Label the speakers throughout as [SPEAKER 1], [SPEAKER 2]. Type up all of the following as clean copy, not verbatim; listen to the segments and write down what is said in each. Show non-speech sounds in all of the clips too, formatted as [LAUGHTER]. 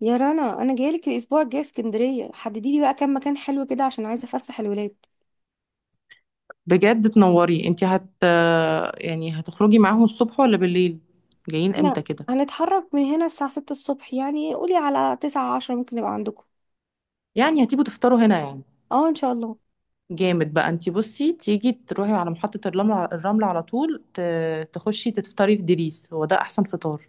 [SPEAKER 1] يا رنا، انا جايلك الاسبوع الجاي اسكندريه. حددي لي بقى كام مكان حلو كده عشان عايزه افسح الولاد.
[SPEAKER 2] بجد تنوري انت. يعني هتخرجي معاهم الصبح ولا بالليل؟ جايين امتى
[SPEAKER 1] احنا
[SPEAKER 2] كده؟
[SPEAKER 1] هنتحرك من هنا الساعه 6 الصبح، يعني قولي على 9 10 ممكن نبقى عندكم.
[SPEAKER 2] يعني هتيجوا تفطروا هنا يعني؟
[SPEAKER 1] اه، ان شاء الله.
[SPEAKER 2] جامد بقى. انت بصي، تيجي تروحي على محطة الرمل، الرمل على طول، تخشي تفطري في دريس. هو ده احسن فطار.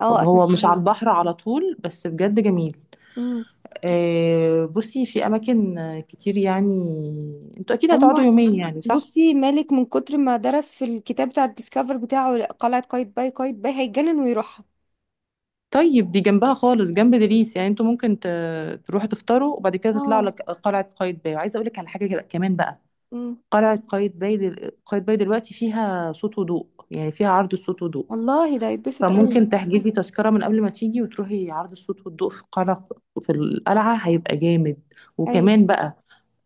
[SPEAKER 1] اه
[SPEAKER 2] طب
[SPEAKER 1] اسمع
[SPEAKER 2] هو مش
[SPEAKER 1] عنه.
[SPEAKER 2] على البحر على طول، بس بجد جميل.
[SPEAKER 1] امم
[SPEAKER 2] بصي في اماكن كتير يعني. انتوا اكيد هتقعدوا
[SPEAKER 1] هم،
[SPEAKER 2] يومين يعني، صح؟
[SPEAKER 1] بصي مالك من كتر ما درس في الكتاب بتاع الديسكفر بتاعه قلعه قايتباي، قايتباي هيتجنن ويروحها.
[SPEAKER 2] طيب، دي جنبها خالص، جنب دريس، يعني انتوا ممكن تروحوا تفطروا وبعد كده تطلعوا
[SPEAKER 1] اه.
[SPEAKER 2] لك قلعة قايتباي. وعايزة اقول لك على حاجة كمان بقى.
[SPEAKER 1] امم
[SPEAKER 2] قلعة قايتباي دلوقتي فيها صوت وضوء، يعني فيها عرض الصوت والضوء.
[SPEAKER 1] والله ده هيتبسط قوي.
[SPEAKER 2] فممكن تحجزي تذكرة من قبل ما تيجي، وتروحي عرض الصوت والضوء في القلعة. هيبقى جامد.
[SPEAKER 1] ايوه.
[SPEAKER 2] وكمان بقى،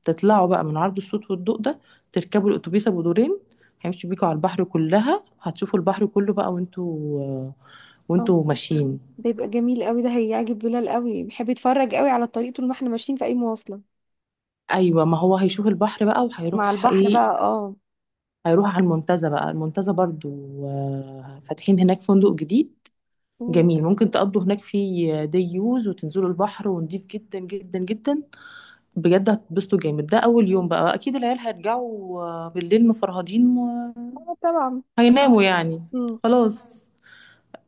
[SPEAKER 2] تطلعوا بقى من عرض الصوت والضوء ده، تركبوا الأتوبيس أبو دورين، هيمشي بيكوا على البحر، كلها هتشوفوا البحر كله بقى وانتوا
[SPEAKER 1] اه،
[SPEAKER 2] وانتوا ماشيين.
[SPEAKER 1] ده يبقى جميل قوي، ده هيعجب بلال قوي، بيحب يتفرج قوي على الطريق طول ما احنا ماشيين في اي مواصله.
[SPEAKER 2] ايوه، ما هو هيشوف البحر بقى.
[SPEAKER 1] مع
[SPEAKER 2] وهيروح
[SPEAKER 1] البحر
[SPEAKER 2] ايه؟
[SPEAKER 1] بقى، اه.
[SPEAKER 2] هيروح على المنتزه بقى، المنتزه برضو. فاتحين هناك فندق جديد.
[SPEAKER 1] مم.
[SPEAKER 2] جميل. ممكن تقضوا هناك في دي يوز، وتنزلوا البحر، ونضيف جدا جدا جدا. بجد هتتبسطوا جامد. ده اول يوم بقى، اكيد العيال هيرجعوا بالليل مفرهدين.
[SPEAKER 1] اه طبعا.
[SPEAKER 2] وهيناموا يعني.
[SPEAKER 1] مم.
[SPEAKER 2] خلاص.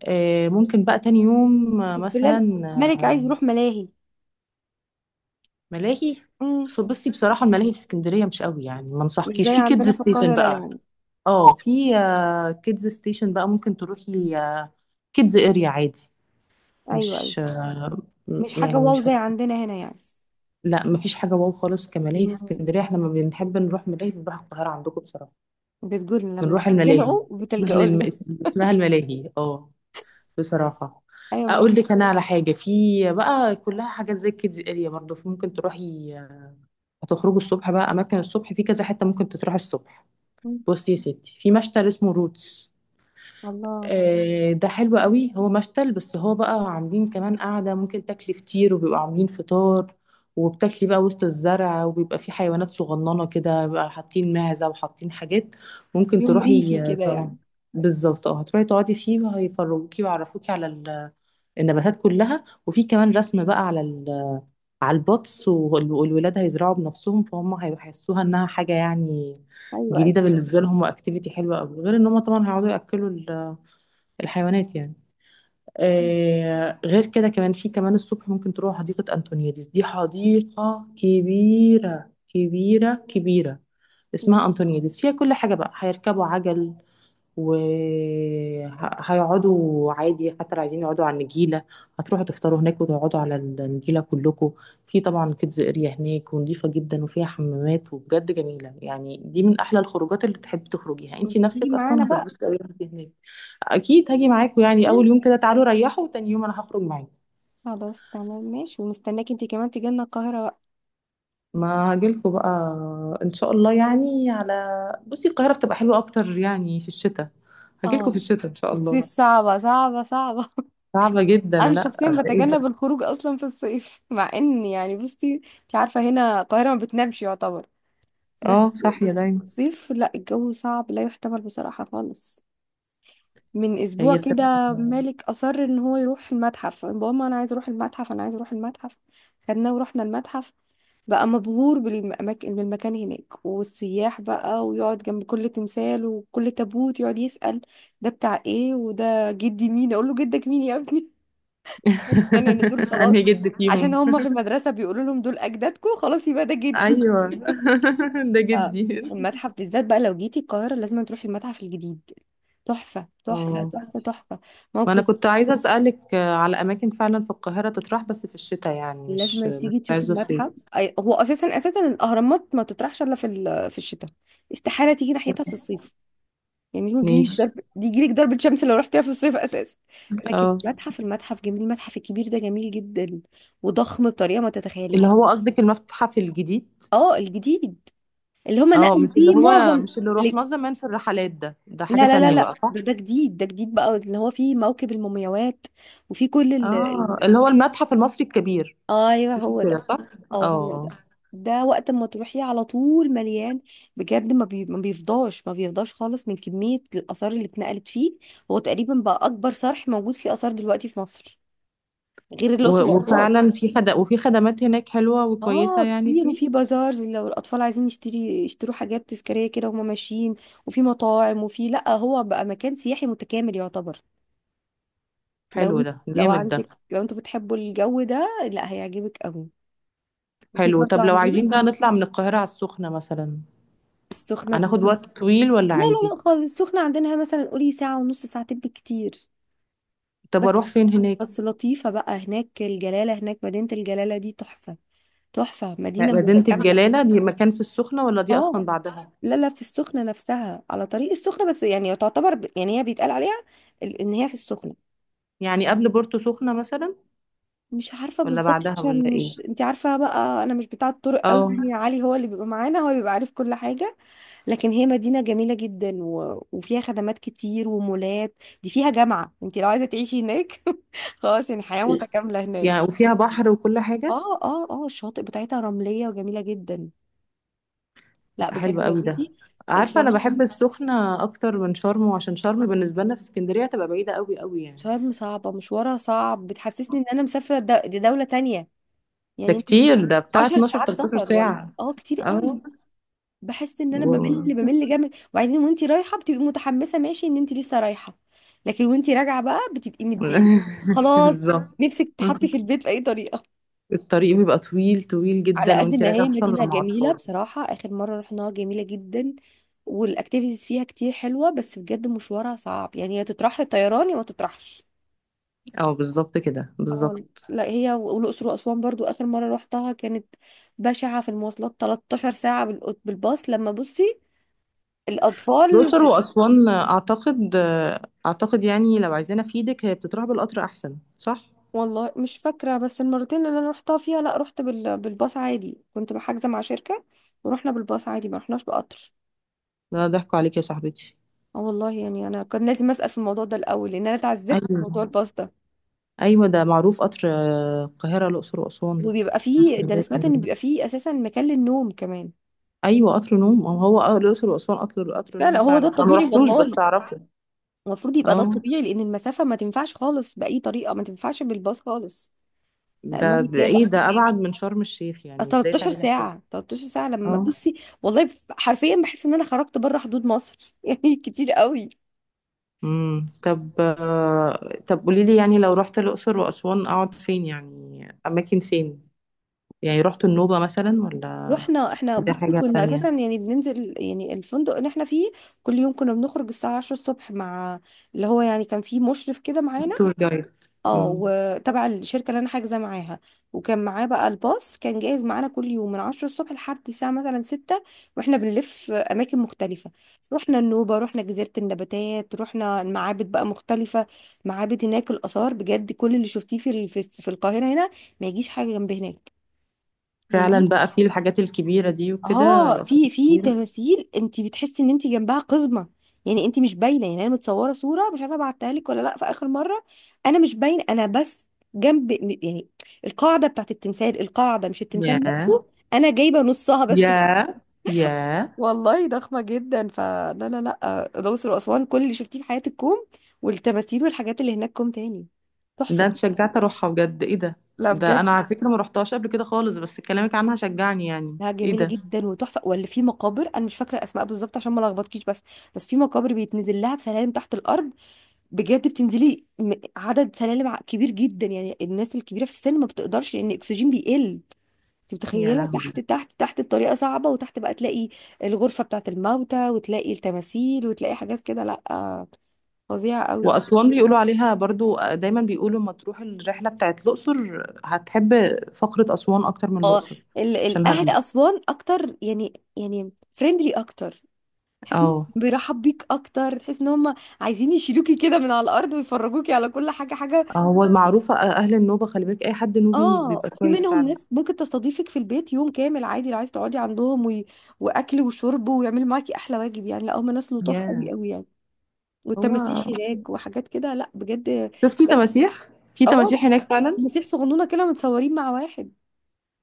[SPEAKER 2] ممكن بقى تاني يوم مثلا.
[SPEAKER 1] بلال، ملك
[SPEAKER 2] آه،
[SPEAKER 1] عايز يروح ملاهي.
[SPEAKER 2] ملاهي.
[SPEAKER 1] مم.
[SPEAKER 2] بصي بصراحة، الملاهي في اسكندرية مش قوي يعني، ما
[SPEAKER 1] مش زي
[SPEAKER 2] انصحكيش. في كيدز
[SPEAKER 1] عندنا في
[SPEAKER 2] ستيشن
[SPEAKER 1] القاهرة
[SPEAKER 2] بقى،
[SPEAKER 1] يعني.
[SPEAKER 2] اه، في كيدز ستيشن بقى، ممكن تروحي كيدز اريا عادي.
[SPEAKER 1] أيوة أيوة.
[SPEAKER 2] مش
[SPEAKER 1] مش حاجة
[SPEAKER 2] يعني
[SPEAKER 1] واو
[SPEAKER 2] مش
[SPEAKER 1] زي
[SPEAKER 2] هت...
[SPEAKER 1] عندنا هنا يعني.
[SPEAKER 2] لا مفيش حاجة واو خالص كملاهي في
[SPEAKER 1] مم.
[SPEAKER 2] اسكندرية. احنا لما بنحب نروح ملاهي بنروح القاهرة عندكم، بصراحة.
[SPEAKER 1] بتقولنا لما
[SPEAKER 2] بنروح الملاهي،
[SPEAKER 1] بتتخانقوا
[SPEAKER 2] اسمها
[SPEAKER 1] بتلجأوا لنا.
[SPEAKER 2] الملاهي، اه، بصراحة.
[SPEAKER 1] [LAUGHS] أيوة
[SPEAKER 2] اقول لك
[SPEAKER 1] مالك.
[SPEAKER 2] انا على حاجة، في بقى كلها حاجات زي كيدز اريا برضه، ممكن تروحي. هتخرجوا الصبح بقى، اماكن الصبح في كذا حتة ممكن تروح الصبح.
[SPEAKER 1] مم.
[SPEAKER 2] بصي يا ستي، في مشتل اسمه روتس.
[SPEAKER 1] الله.
[SPEAKER 2] ده حلو قوي. هو مشتل بس هو بقى عاملين كمان قاعدة، ممكن تاكلي فطير، وبيبقى عاملين فطار، وبتاكلي بقى وسط الزرع. وبيبقى في حيوانات صغننة كده بقى، حاطين معزة وحاطين حاجات. ممكن
[SPEAKER 1] يوم
[SPEAKER 2] تروحي
[SPEAKER 1] ريفي كده يعني.
[SPEAKER 2] طبعا. بالظبط، اه، هتروحي تقعدي فيه، وهيفروكي ويعرفوكي على النباتات كلها. وفي كمان رسم بقى على على البطس، والولاد هيزرعوا بنفسهم، فهم هيحسوها انها حاجة يعني
[SPEAKER 1] أيوة أيوة.
[SPEAKER 2] جديدة بالنسبة لهم. واكتيفيتي حلوة قوي، غير ان هم طبعا هيقعدوا ياكلوا الحيوانات يعني.
[SPEAKER 1] مم.
[SPEAKER 2] غير كده، كمان في كمان الصبح ممكن تروح حديقة أنطونيادس، دي حديقة كبيرة كبيرة كبيرة.
[SPEAKER 1] مم.
[SPEAKER 2] اسمها أنطونيادس، فيها كل حاجة بقى، هيركبوا عجل، وهيقعدوا عادي، حتى لو عايزين يقعدوا على النجيلة. هتروحوا تفطروا هناك وتقعدوا على النجيلة كلكم. في طبعا كيدز اريا هناك، ونضيفة جدا، وفيها حمامات، وبجد جميلة يعني. دي من أحلى الخروجات اللي تحب تخرجيها انتي
[SPEAKER 1] انت تيجي
[SPEAKER 2] نفسك
[SPEAKER 1] معانا
[SPEAKER 2] أصلا.
[SPEAKER 1] بقى.
[SPEAKER 2] هتتبسطي أوي وانتي هناك. اكيد هاجي معاكم، يعني اول
[SPEAKER 1] أكيد.
[SPEAKER 2] يوم كده تعالوا ريحوا، وتاني يوم انا هخرج معاكم.
[SPEAKER 1] خلاص تمام ماشي، ومستناك انت كمان تيجي لنا القاهرة بقى.
[SPEAKER 2] ما هاجيلكوا بقى، ان شاء الله يعني. على بصي، القاهره بتبقى حلوه اكتر يعني في الشتاء. هاجيلكوا في
[SPEAKER 1] اه،
[SPEAKER 2] الشتاء ان
[SPEAKER 1] في
[SPEAKER 2] شاء
[SPEAKER 1] الصيف
[SPEAKER 2] الله.
[SPEAKER 1] صعبة صعبة صعبة.
[SPEAKER 2] صعبه جدا،
[SPEAKER 1] انا
[SPEAKER 2] لا.
[SPEAKER 1] شخصيا
[SPEAKER 2] ده ايه ده؟
[SPEAKER 1] بتجنب الخروج اصلا في الصيف [LAUGHS] مع ان يعني بصي انت عارفه هنا القاهره ما بتنامش يعتبر. بس،
[SPEAKER 2] اه، صاحيه
[SPEAKER 1] بس في
[SPEAKER 2] دايما.
[SPEAKER 1] الصيف لا، الجو صعب لا يحتمل بصراحه خالص. من اسبوع
[SPEAKER 2] هي بتبقى.
[SPEAKER 1] كده مالك اصر ان هو يروح المتحف، ماما انا عايز اروح المتحف، انا عايز اروح المتحف. خدناه ورحنا المتحف، بقى مبهور بالمكان هناك والسياح بقى، ويقعد جنب كل تمثال وكل تابوت يقعد يسأل ده بتاع ايه وده جدي مين. اقول له جدك مين يا ابني؟ مقتنع ان دول
[SPEAKER 2] [LAUGHS]
[SPEAKER 1] خلاص،
[SPEAKER 2] انهي جد
[SPEAKER 1] عشان
[SPEAKER 2] فيهم؟
[SPEAKER 1] هم في المدرسه بيقولوا لهم دول اجدادكم، خلاص يبقى ده جدي.
[SPEAKER 2] ايوه. [LAUGHS] ده
[SPEAKER 1] ف-
[SPEAKER 2] جدي.
[SPEAKER 1] المتحف بالذات بقى لو جيتي القاهره لازم تروحي المتحف الجديد. تحفه تحفه
[SPEAKER 2] اه،
[SPEAKER 1] تحفه تحفه.
[SPEAKER 2] ما انا
[SPEAKER 1] موقف.
[SPEAKER 2] كنت عايزه اسالك على اماكن فعلا في القاهره تطرح، بس في الشتاء يعني، مش
[SPEAKER 1] لازم
[SPEAKER 2] مش
[SPEAKER 1] تيجي تشوفي
[SPEAKER 2] عايزه صيف.
[SPEAKER 1] المتحف، هو اساسا اساسا الاهرامات ما تطرحش الا في في الشتاء. استحاله تيجي ناحيتها في الصيف. يعني هو يجيلك
[SPEAKER 2] ماشي.
[SPEAKER 1] ضرب دي يجيلك ضربة شمس لو رحتيها في الصيف اساسا. لكن
[SPEAKER 2] اه.
[SPEAKER 1] المتحف، المتحف جميل، المتحف الكبير ده جميل جدا وضخم بطريقه ما
[SPEAKER 2] اللي
[SPEAKER 1] تتخيليها.
[SPEAKER 2] هو قصدِك المتحف الجديد؟
[SPEAKER 1] اه الجديد، اللي هم نقلوا
[SPEAKER 2] مش اللي
[SPEAKER 1] فيه
[SPEAKER 2] هو
[SPEAKER 1] معظم
[SPEAKER 2] مش اللي
[SPEAKER 1] ال-
[SPEAKER 2] رُحناه زمان في الرحلات، ده
[SPEAKER 1] لا
[SPEAKER 2] حاجة
[SPEAKER 1] لا لا
[SPEAKER 2] تانية
[SPEAKER 1] لا،
[SPEAKER 2] بقى، صح؟
[SPEAKER 1] ده جديد، ده جديد بقى اللي هو فيه موكب المومياوات، وفيه كل
[SPEAKER 2] آه، اللي هو المتحف المصري الكبير،
[SPEAKER 1] ايوه
[SPEAKER 2] اسمه
[SPEAKER 1] هو
[SPEAKER 2] كده،
[SPEAKER 1] ده.
[SPEAKER 2] صح؟ آه،
[SPEAKER 1] اه هو
[SPEAKER 2] آه.
[SPEAKER 1] ده. ده وقت ما تروحي على طول مليان، بجد ما بيفضاش، ما بيفضاش خالص من كمية الآثار اللي اتنقلت فيه. هو تقريبا بقى أكبر صرح موجود فيه آثار دلوقتي في مصر، غير
[SPEAKER 2] و
[SPEAKER 1] الأقصر وأسوان.
[SPEAKER 2] وفعلًا في خد وفي خدمات هناك حلوة وكويسة
[SPEAKER 1] اه
[SPEAKER 2] يعني،
[SPEAKER 1] كتير. وفي
[SPEAKER 2] فيه؟
[SPEAKER 1] بازار لو الاطفال عايزين يشتروا حاجات تذكاريه كده وهم ماشيين. وفي مطاعم وفي، لا هو بقى مكان سياحي متكامل يعتبر. لو
[SPEAKER 2] حلو
[SPEAKER 1] انت،
[SPEAKER 2] ده،
[SPEAKER 1] لو
[SPEAKER 2] جامد ده.
[SPEAKER 1] عندك، لو انتوا بتحبوا الجو ده لا هيعجبك قوي. وفي
[SPEAKER 2] حلو.
[SPEAKER 1] برضه
[SPEAKER 2] طب لو
[SPEAKER 1] عندنا.
[SPEAKER 2] عايزين بقى نطلع من القاهرة على السخنة مثلًا،
[SPEAKER 1] السخنه دي
[SPEAKER 2] هناخد وقت طويل والّا
[SPEAKER 1] لا
[SPEAKER 2] عادي؟
[SPEAKER 1] لا لا خالص، السخنه عندنا مثلا قولي ساعه ونص، ساعتين بالكتير.
[SPEAKER 2] طب
[SPEAKER 1] بس،
[SPEAKER 2] أروح فين
[SPEAKER 1] بس
[SPEAKER 2] هناك؟
[SPEAKER 1] لطيفه بقى هناك الجلاله، هناك مدينه الجلاله دي تحفه، تحفه، مدينه
[SPEAKER 2] مدينة
[SPEAKER 1] متكامله.
[SPEAKER 2] الجلالة دي مكان في السخنة، والّا دي أصلًا
[SPEAKER 1] اه.
[SPEAKER 2] بعدها؟
[SPEAKER 1] لا لا في السخنة نفسها، على طريق السخنة، بس يعني تعتبر يعني هي بيتقال عليها ان هي في السخنة.
[SPEAKER 2] يعني قبل بورتو سخنة مثلًا،
[SPEAKER 1] مش عارفة
[SPEAKER 2] والّا
[SPEAKER 1] بالظبط
[SPEAKER 2] بعدها والّا
[SPEAKER 1] عشان،
[SPEAKER 2] إيه؟
[SPEAKER 1] مش انت عارفة بقى، انا مش بتاع الطرق قوي،
[SPEAKER 2] آه.
[SPEAKER 1] يعني علي هو اللي بيبقى معانا هو اللي بيبقى عارف كل حاجة. لكن هي مدينة جميلة جدا وفيها خدمات كتير ومولات. دي فيها جامعة، انت لو عايزة تعيشي هناك [LAUGHS] خلاص يعني حياة متكاملة هناك.
[SPEAKER 2] يعني وفيها بحر وكل حاجة؟
[SPEAKER 1] اه اه اه، الشواطئ بتاعتها رملية وجميلة جدا. لا
[SPEAKER 2] حلو
[SPEAKER 1] بجد لو
[SPEAKER 2] قوي ده.
[SPEAKER 1] جيتي
[SPEAKER 2] عارفة أنا
[SPEAKER 1] القاهرة.
[SPEAKER 2] بحب السخنة أكتر من شرم، عشان شرم بالنسبة لنا في اسكندرية تبقى بعيدة قوي قوي يعني.
[SPEAKER 1] شرم صعبة، مشوارها صعب، بتحسسني ان انا مسافرة دي دولة تانية.
[SPEAKER 2] ده
[SPEAKER 1] يعني انت مش.
[SPEAKER 2] كتير، ده بتاع
[SPEAKER 1] 10 [LAUGHS]
[SPEAKER 2] 12
[SPEAKER 1] ساعات
[SPEAKER 2] 13
[SPEAKER 1] سفر ولا،
[SPEAKER 2] ساعة.
[SPEAKER 1] اه كتير
[SPEAKER 2] اه
[SPEAKER 1] قوي. بحس ان انا بمل،
[SPEAKER 2] و-
[SPEAKER 1] بمل جامد، وبعدين وانت رايحة بتبقي متحمسة ماشي ان انت لسه رايحة، لكن وانت راجعة بقى بتبقي مد يعني.
[SPEAKER 2] [LAUGHS]
[SPEAKER 1] خلاص،
[SPEAKER 2] بالظبط.
[SPEAKER 1] نفسك تحطي في البيت بأي طريقة.
[SPEAKER 2] الطريق بيبقى طويل طويل
[SPEAKER 1] على
[SPEAKER 2] جدا
[SPEAKER 1] قد
[SPEAKER 2] وانتي
[SPEAKER 1] ما
[SPEAKER 2] راجعة،
[SPEAKER 1] هي
[SPEAKER 2] خصوصا
[SPEAKER 1] مدينة
[SPEAKER 2] لو مع
[SPEAKER 1] جميلة
[SPEAKER 2] أطفال.
[SPEAKER 1] بصراحة، آخر مرة رحناها جميلة جدا والاكتيفيتيز فيها كتير حلوة، بس بجد مشوارها صعب يعني، يا تطرح الطيران يا ما تطرحش.
[SPEAKER 2] اه، بالظبط كده
[SPEAKER 1] اه.
[SPEAKER 2] بالظبط.
[SPEAKER 1] لا هي والاقصر واسوان برضو اخر مره روحتها كانت بشعه في المواصلات، 13 ساعه بالباص لما بصي الاطفال
[SPEAKER 2] الأقصر وأسوان، أعتقد. أعتقد يعني، لو عايزانا في ايدك، هي بتتراح بالقطر أحسن، صح؟
[SPEAKER 1] والله مش فاكره، بس المرتين اللي انا روحتها فيها لا، رحت بالباص عادي، كنت حاجزه مع شركه ورحنا بالباص عادي ما رحناش بقطر.
[SPEAKER 2] لا، ضحكوا عليك يا صاحبتي.
[SPEAKER 1] اه والله، يعني انا كان لازم اسال في الموضوع ده الاول لان انا اتعذبت في موضوع
[SPEAKER 2] ايوه،
[SPEAKER 1] الباص ده.
[SPEAKER 2] ايوه، ده معروف قطر القاهره الاقصر واسوان ده.
[SPEAKER 1] وبيبقى فيه، ده انا سمعت ان
[SPEAKER 2] اسكندرية.
[SPEAKER 1] بيبقى فيه اساسا مكان للنوم كمان.
[SPEAKER 2] ايوه قطر نوم، ما هو الاقصر واسوان قطر
[SPEAKER 1] لا لا
[SPEAKER 2] نوم
[SPEAKER 1] هو ده
[SPEAKER 2] فعلا، انا ما
[SPEAKER 1] الطبيعي
[SPEAKER 2] رحتوش بس
[SPEAKER 1] والله،
[SPEAKER 2] اعرفه.
[SPEAKER 1] المفروض يبقى ده
[SPEAKER 2] اه.
[SPEAKER 1] الطبيعي لان المسافه ما تنفعش خالص، باي طريقه ما تنفعش بالباص خالص. لا
[SPEAKER 2] ده,
[SPEAKER 1] المهم
[SPEAKER 2] ده
[SPEAKER 1] جاي
[SPEAKER 2] ايه
[SPEAKER 1] بقى.
[SPEAKER 2] ده؟ ابعد من شرم الشيخ، يعني ازاي
[SPEAKER 1] 13
[SPEAKER 2] تعملي كده؟
[SPEAKER 1] ساعه، 13 ساعه لما
[SPEAKER 2] اه.
[SPEAKER 1] بصي. والله حرفيا بحس ان انا خرجت بره حدود مصر [LAUGHS] يعني كتير قوي.
[SPEAKER 2] طب قولي لي، يعني لو رحت الاقصر واسوان اقعد فين؟ يعني اماكن فين؟ يعني رحت النوبه مثلا، ولا
[SPEAKER 1] رحنا احنا
[SPEAKER 2] دي
[SPEAKER 1] بصي
[SPEAKER 2] حاجه
[SPEAKER 1] كنا اساسا
[SPEAKER 2] تانية.
[SPEAKER 1] يعني بننزل يعني الفندق اللي احنا فيه. كل يوم كنا بنخرج الساعه 10 الصبح مع، اللي هو يعني كان فيه مشرف كده معانا.
[SPEAKER 2] تور جايد.
[SPEAKER 1] اه
[SPEAKER 2] امم.
[SPEAKER 1] وتبع الشركة اللي انا حاجزة معاها. وكان معاه بقى الباص كان جاهز معانا كل يوم من 10 الصبح لحد الساعة مثلا 6. واحنا بنلف أماكن مختلفة. رحنا النوبة، رحنا جزيرة النباتات، رحنا المعابد بقى مختلفة. معابد هناك الآثار بجد، كل اللي شفتيه في في القاهرة هنا ما يجيش حاجة جنب هناك.
[SPEAKER 2] فعلا
[SPEAKER 1] هناك،
[SPEAKER 2] بقى في الحاجات الكبيره دي وكده،
[SPEAKER 1] اه
[SPEAKER 2] الاثار
[SPEAKER 1] في في
[SPEAKER 2] الكبيره.
[SPEAKER 1] تماثيل انت بتحسي ان انت جنبها قزمه. يعني انت مش باينه، يعني انا متصوره صوره مش عارفه ابعتها لك ولا لا في اخر مره، انا مش باينه، انا بس جنب يعني القاعده بتاعت التمثال، القاعده مش التمثال
[SPEAKER 2] ياه،
[SPEAKER 1] نفسه. انا جايبه نصها بس.
[SPEAKER 2] ياه، ياه.
[SPEAKER 1] والله ضخمه جدا، فلا لا لا الاقصر واسوان كل اللي شفتيه في حياتك كوم، والتماثيل والحاجات اللي هناك كوم تاني.
[SPEAKER 2] ده
[SPEAKER 1] تحفه.
[SPEAKER 2] انت شجعت اروحها بجد، ايه ده؟
[SPEAKER 1] لا
[SPEAKER 2] ده انا
[SPEAKER 1] بجد.
[SPEAKER 2] على فكره ما روحتهاش قبل كده خالص، بس كلامك عنها شجعني، يعني
[SPEAKER 1] لا
[SPEAKER 2] ايه
[SPEAKER 1] جميله
[SPEAKER 2] ده؟
[SPEAKER 1] جدا وتحفه، ولا في مقابر، انا مش فاكره الاسماء بالظبط عشان ما لخبطكيش، بس بس في مقابر بيتنزل لها بسلالم تحت الارض. بجد بتنزلي عدد سلالم كبير جدا، يعني الناس الكبيره في السن ما بتقدرش لان الاكسجين بيقل. انت
[SPEAKER 2] يا
[SPEAKER 1] متخيله
[SPEAKER 2] لهوي.
[SPEAKER 1] تحت تحت تحت بطريقه صعبه، وتحت بقى تلاقي الغرفه بتاعه الموتى وتلاقي التماثيل وتلاقي حاجات كده. لا، فظيعه قوي.
[SPEAKER 2] واسوان بيقولوا عليها برضو، دايما بيقولوا ما تروح الرحله بتاعت الاقصر، هتحب فقره اسوان اكتر من
[SPEAKER 1] اه
[SPEAKER 2] الاقصر. عشان
[SPEAKER 1] الاهل
[SPEAKER 2] هاديه.
[SPEAKER 1] اسوان اكتر يعني، يعني فريندلي اكتر. تحس ان
[SPEAKER 2] اه.
[SPEAKER 1] بيرحب بيك اكتر، تحس ان هم عايزين يشيلوكي كده من على الارض ويفرجوكي على كل حاجه حاجه.
[SPEAKER 2] هو المعروفه اهل النوبه، خلي بالك، اي حد نوبي
[SPEAKER 1] اه
[SPEAKER 2] بيبقى
[SPEAKER 1] في
[SPEAKER 2] كويس
[SPEAKER 1] منهم
[SPEAKER 2] فعلا.
[SPEAKER 1] ناس ممكن تستضيفك في البيت يوم كامل عادي لو عايز تقعدي عندهم واكل وشرب ويعملوا معاكي احلى واجب يعني، لا هم ناس لطاف قوي
[SPEAKER 2] ياه.
[SPEAKER 1] قوي يعني. والتماسيح
[SPEAKER 2] هو،
[SPEAKER 1] هناك وحاجات كده لا بجد.
[SPEAKER 2] شفتي
[SPEAKER 1] لا.
[SPEAKER 2] تماسيح؟ في
[SPEAKER 1] اه.
[SPEAKER 2] تماسيح هناك فعلا؟
[SPEAKER 1] تماسيح صغنونه كده متصورين مع واحد.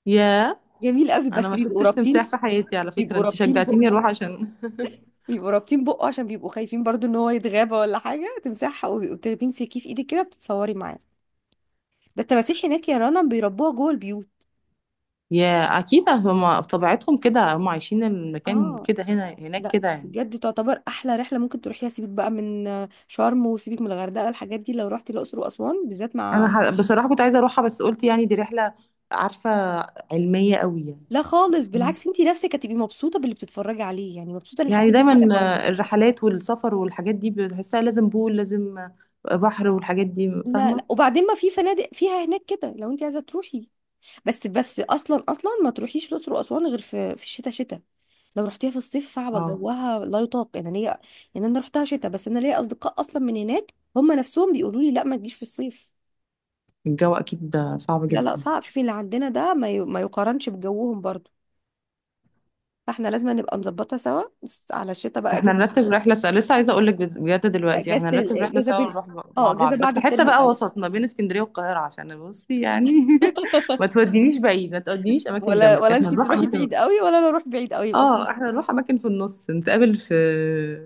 [SPEAKER 2] ياه.
[SPEAKER 1] جميل قوي، بس
[SPEAKER 2] انا ما
[SPEAKER 1] بيبقوا
[SPEAKER 2] شفتش تمساح
[SPEAKER 1] رابطين.
[SPEAKER 2] في حياتي، على فكره
[SPEAKER 1] بيبقوا
[SPEAKER 2] انت
[SPEAKER 1] رابطين
[SPEAKER 2] شجعتيني
[SPEAKER 1] بقه.
[SPEAKER 2] اروح عشان [LAUGHS]
[SPEAKER 1] بيبقوا رابطين بقه عشان بيبقوا خايفين برضو ان هو يتغابى ولا حاجه تمسحها، وبتاخديه مسكيه في ايدك كده بتتصوري معاه. ده التماسيح هناك يا رنا بيربوها جوه البيوت.
[SPEAKER 2] يا، اكيد هما في طبيعتهم كده، هما عايشين المكان،
[SPEAKER 1] اه.
[SPEAKER 2] كده هنا هناك
[SPEAKER 1] لا
[SPEAKER 2] كده يعني.
[SPEAKER 1] بجد تعتبر احلى رحله ممكن تروحيها. سيبك بقى من شرم، وسيبك من الغردقه، الحاجات دي، لو رحتي الاقصر واسوان بالذات
[SPEAKER 2] انا
[SPEAKER 1] مع.
[SPEAKER 2] بصراحه كنت عايزه اروحها، بس قلت يعني دي رحله، عارفه، علميه قوي يعني.
[SPEAKER 1] لا خالص بالعكس، انت نفسك هتبقي مبسوطه باللي بتتفرجي عليه، يعني مبسوطه ان
[SPEAKER 2] يعني
[SPEAKER 1] الحاجات دي
[SPEAKER 2] دايما
[SPEAKER 1] تبقى موجوده.
[SPEAKER 2] الرحلات والسفر والحاجات دي بتحسها لازم بول، لازم بحر، والحاجات دي،
[SPEAKER 1] لا
[SPEAKER 2] فاهمه.
[SPEAKER 1] لا، وبعدين ما في فنادق فيها هناك كده لو انت عايزه تروحي. بس بس اصلا اصلا ما تروحيش الاقصر واسوان غير في الشتاء، شتاء. لو رحتيها في الصيف صعبة،
[SPEAKER 2] اه،
[SPEAKER 1] جوها لا يطاق يعني. أنا ليا، يعني أنا رحتها شتاء بس أنا ليا أصدقاء أصلا من هناك هم نفسهم بيقولوا لي لا ما تجيش في الصيف.
[SPEAKER 2] الجو اكيد ده صعب
[SPEAKER 1] لا لا
[SPEAKER 2] جدا.
[SPEAKER 1] صعب، شوفي اللي عندنا ده ما يقارنش بجوهم برضو. فاحنا لازم نبقى نظبطها سوا بس على الشتاء بقى
[SPEAKER 2] احنا
[SPEAKER 1] اجازة.
[SPEAKER 2] نرتب رحلة سوا، لسه عايزة اقول لك، بجد
[SPEAKER 1] بقى
[SPEAKER 2] دلوقتي
[SPEAKER 1] اجازة
[SPEAKER 2] احنا نرتب رحلة
[SPEAKER 1] اجازة
[SPEAKER 2] سوا
[SPEAKER 1] بين،
[SPEAKER 2] ونروح
[SPEAKER 1] اه
[SPEAKER 2] مع
[SPEAKER 1] اجازة
[SPEAKER 2] بعض،
[SPEAKER 1] بعد
[SPEAKER 2] بس حتة
[SPEAKER 1] الترم
[SPEAKER 2] بقى
[SPEAKER 1] الاول.
[SPEAKER 2] وسط ما بين اسكندرية والقاهرة، عشان بصي يعني. [LAUGHS] ما تودينيش بعيد، ما تودينيش اماكن
[SPEAKER 1] ولا
[SPEAKER 2] جنبك،
[SPEAKER 1] ولا
[SPEAKER 2] احنا
[SPEAKER 1] انت
[SPEAKER 2] نروح
[SPEAKER 1] تروحي
[SPEAKER 2] اماكن.
[SPEAKER 1] بعيد قوي ولا انا اروح بعيد قوي يبقى.
[SPEAKER 2] اه، احنا نروح اماكن في النص، نتقابل في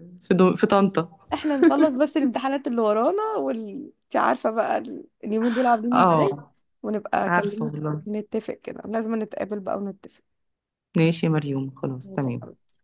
[SPEAKER 2] [LAUGHS] في طنطا.
[SPEAKER 1] احنا نخلص بس الامتحانات اللي ورانا، وال انت عارفة بقى اليومين دول عاملين ازاي،
[SPEAKER 2] اه.
[SPEAKER 1] ونبقى
[SPEAKER 2] عارفة
[SPEAKER 1] اكلمك.
[SPEAKER 2] والله.
[SPEAKER 1] نتفق كده لازم نتقابل بقى ونتفق.
[SPEAKER 2] ماشي يا مريوم، خلاص
[SPEAKER 1] ماشي يا
[SPEAKER 2] تمام.
[SPEAKER 1] حبيبي.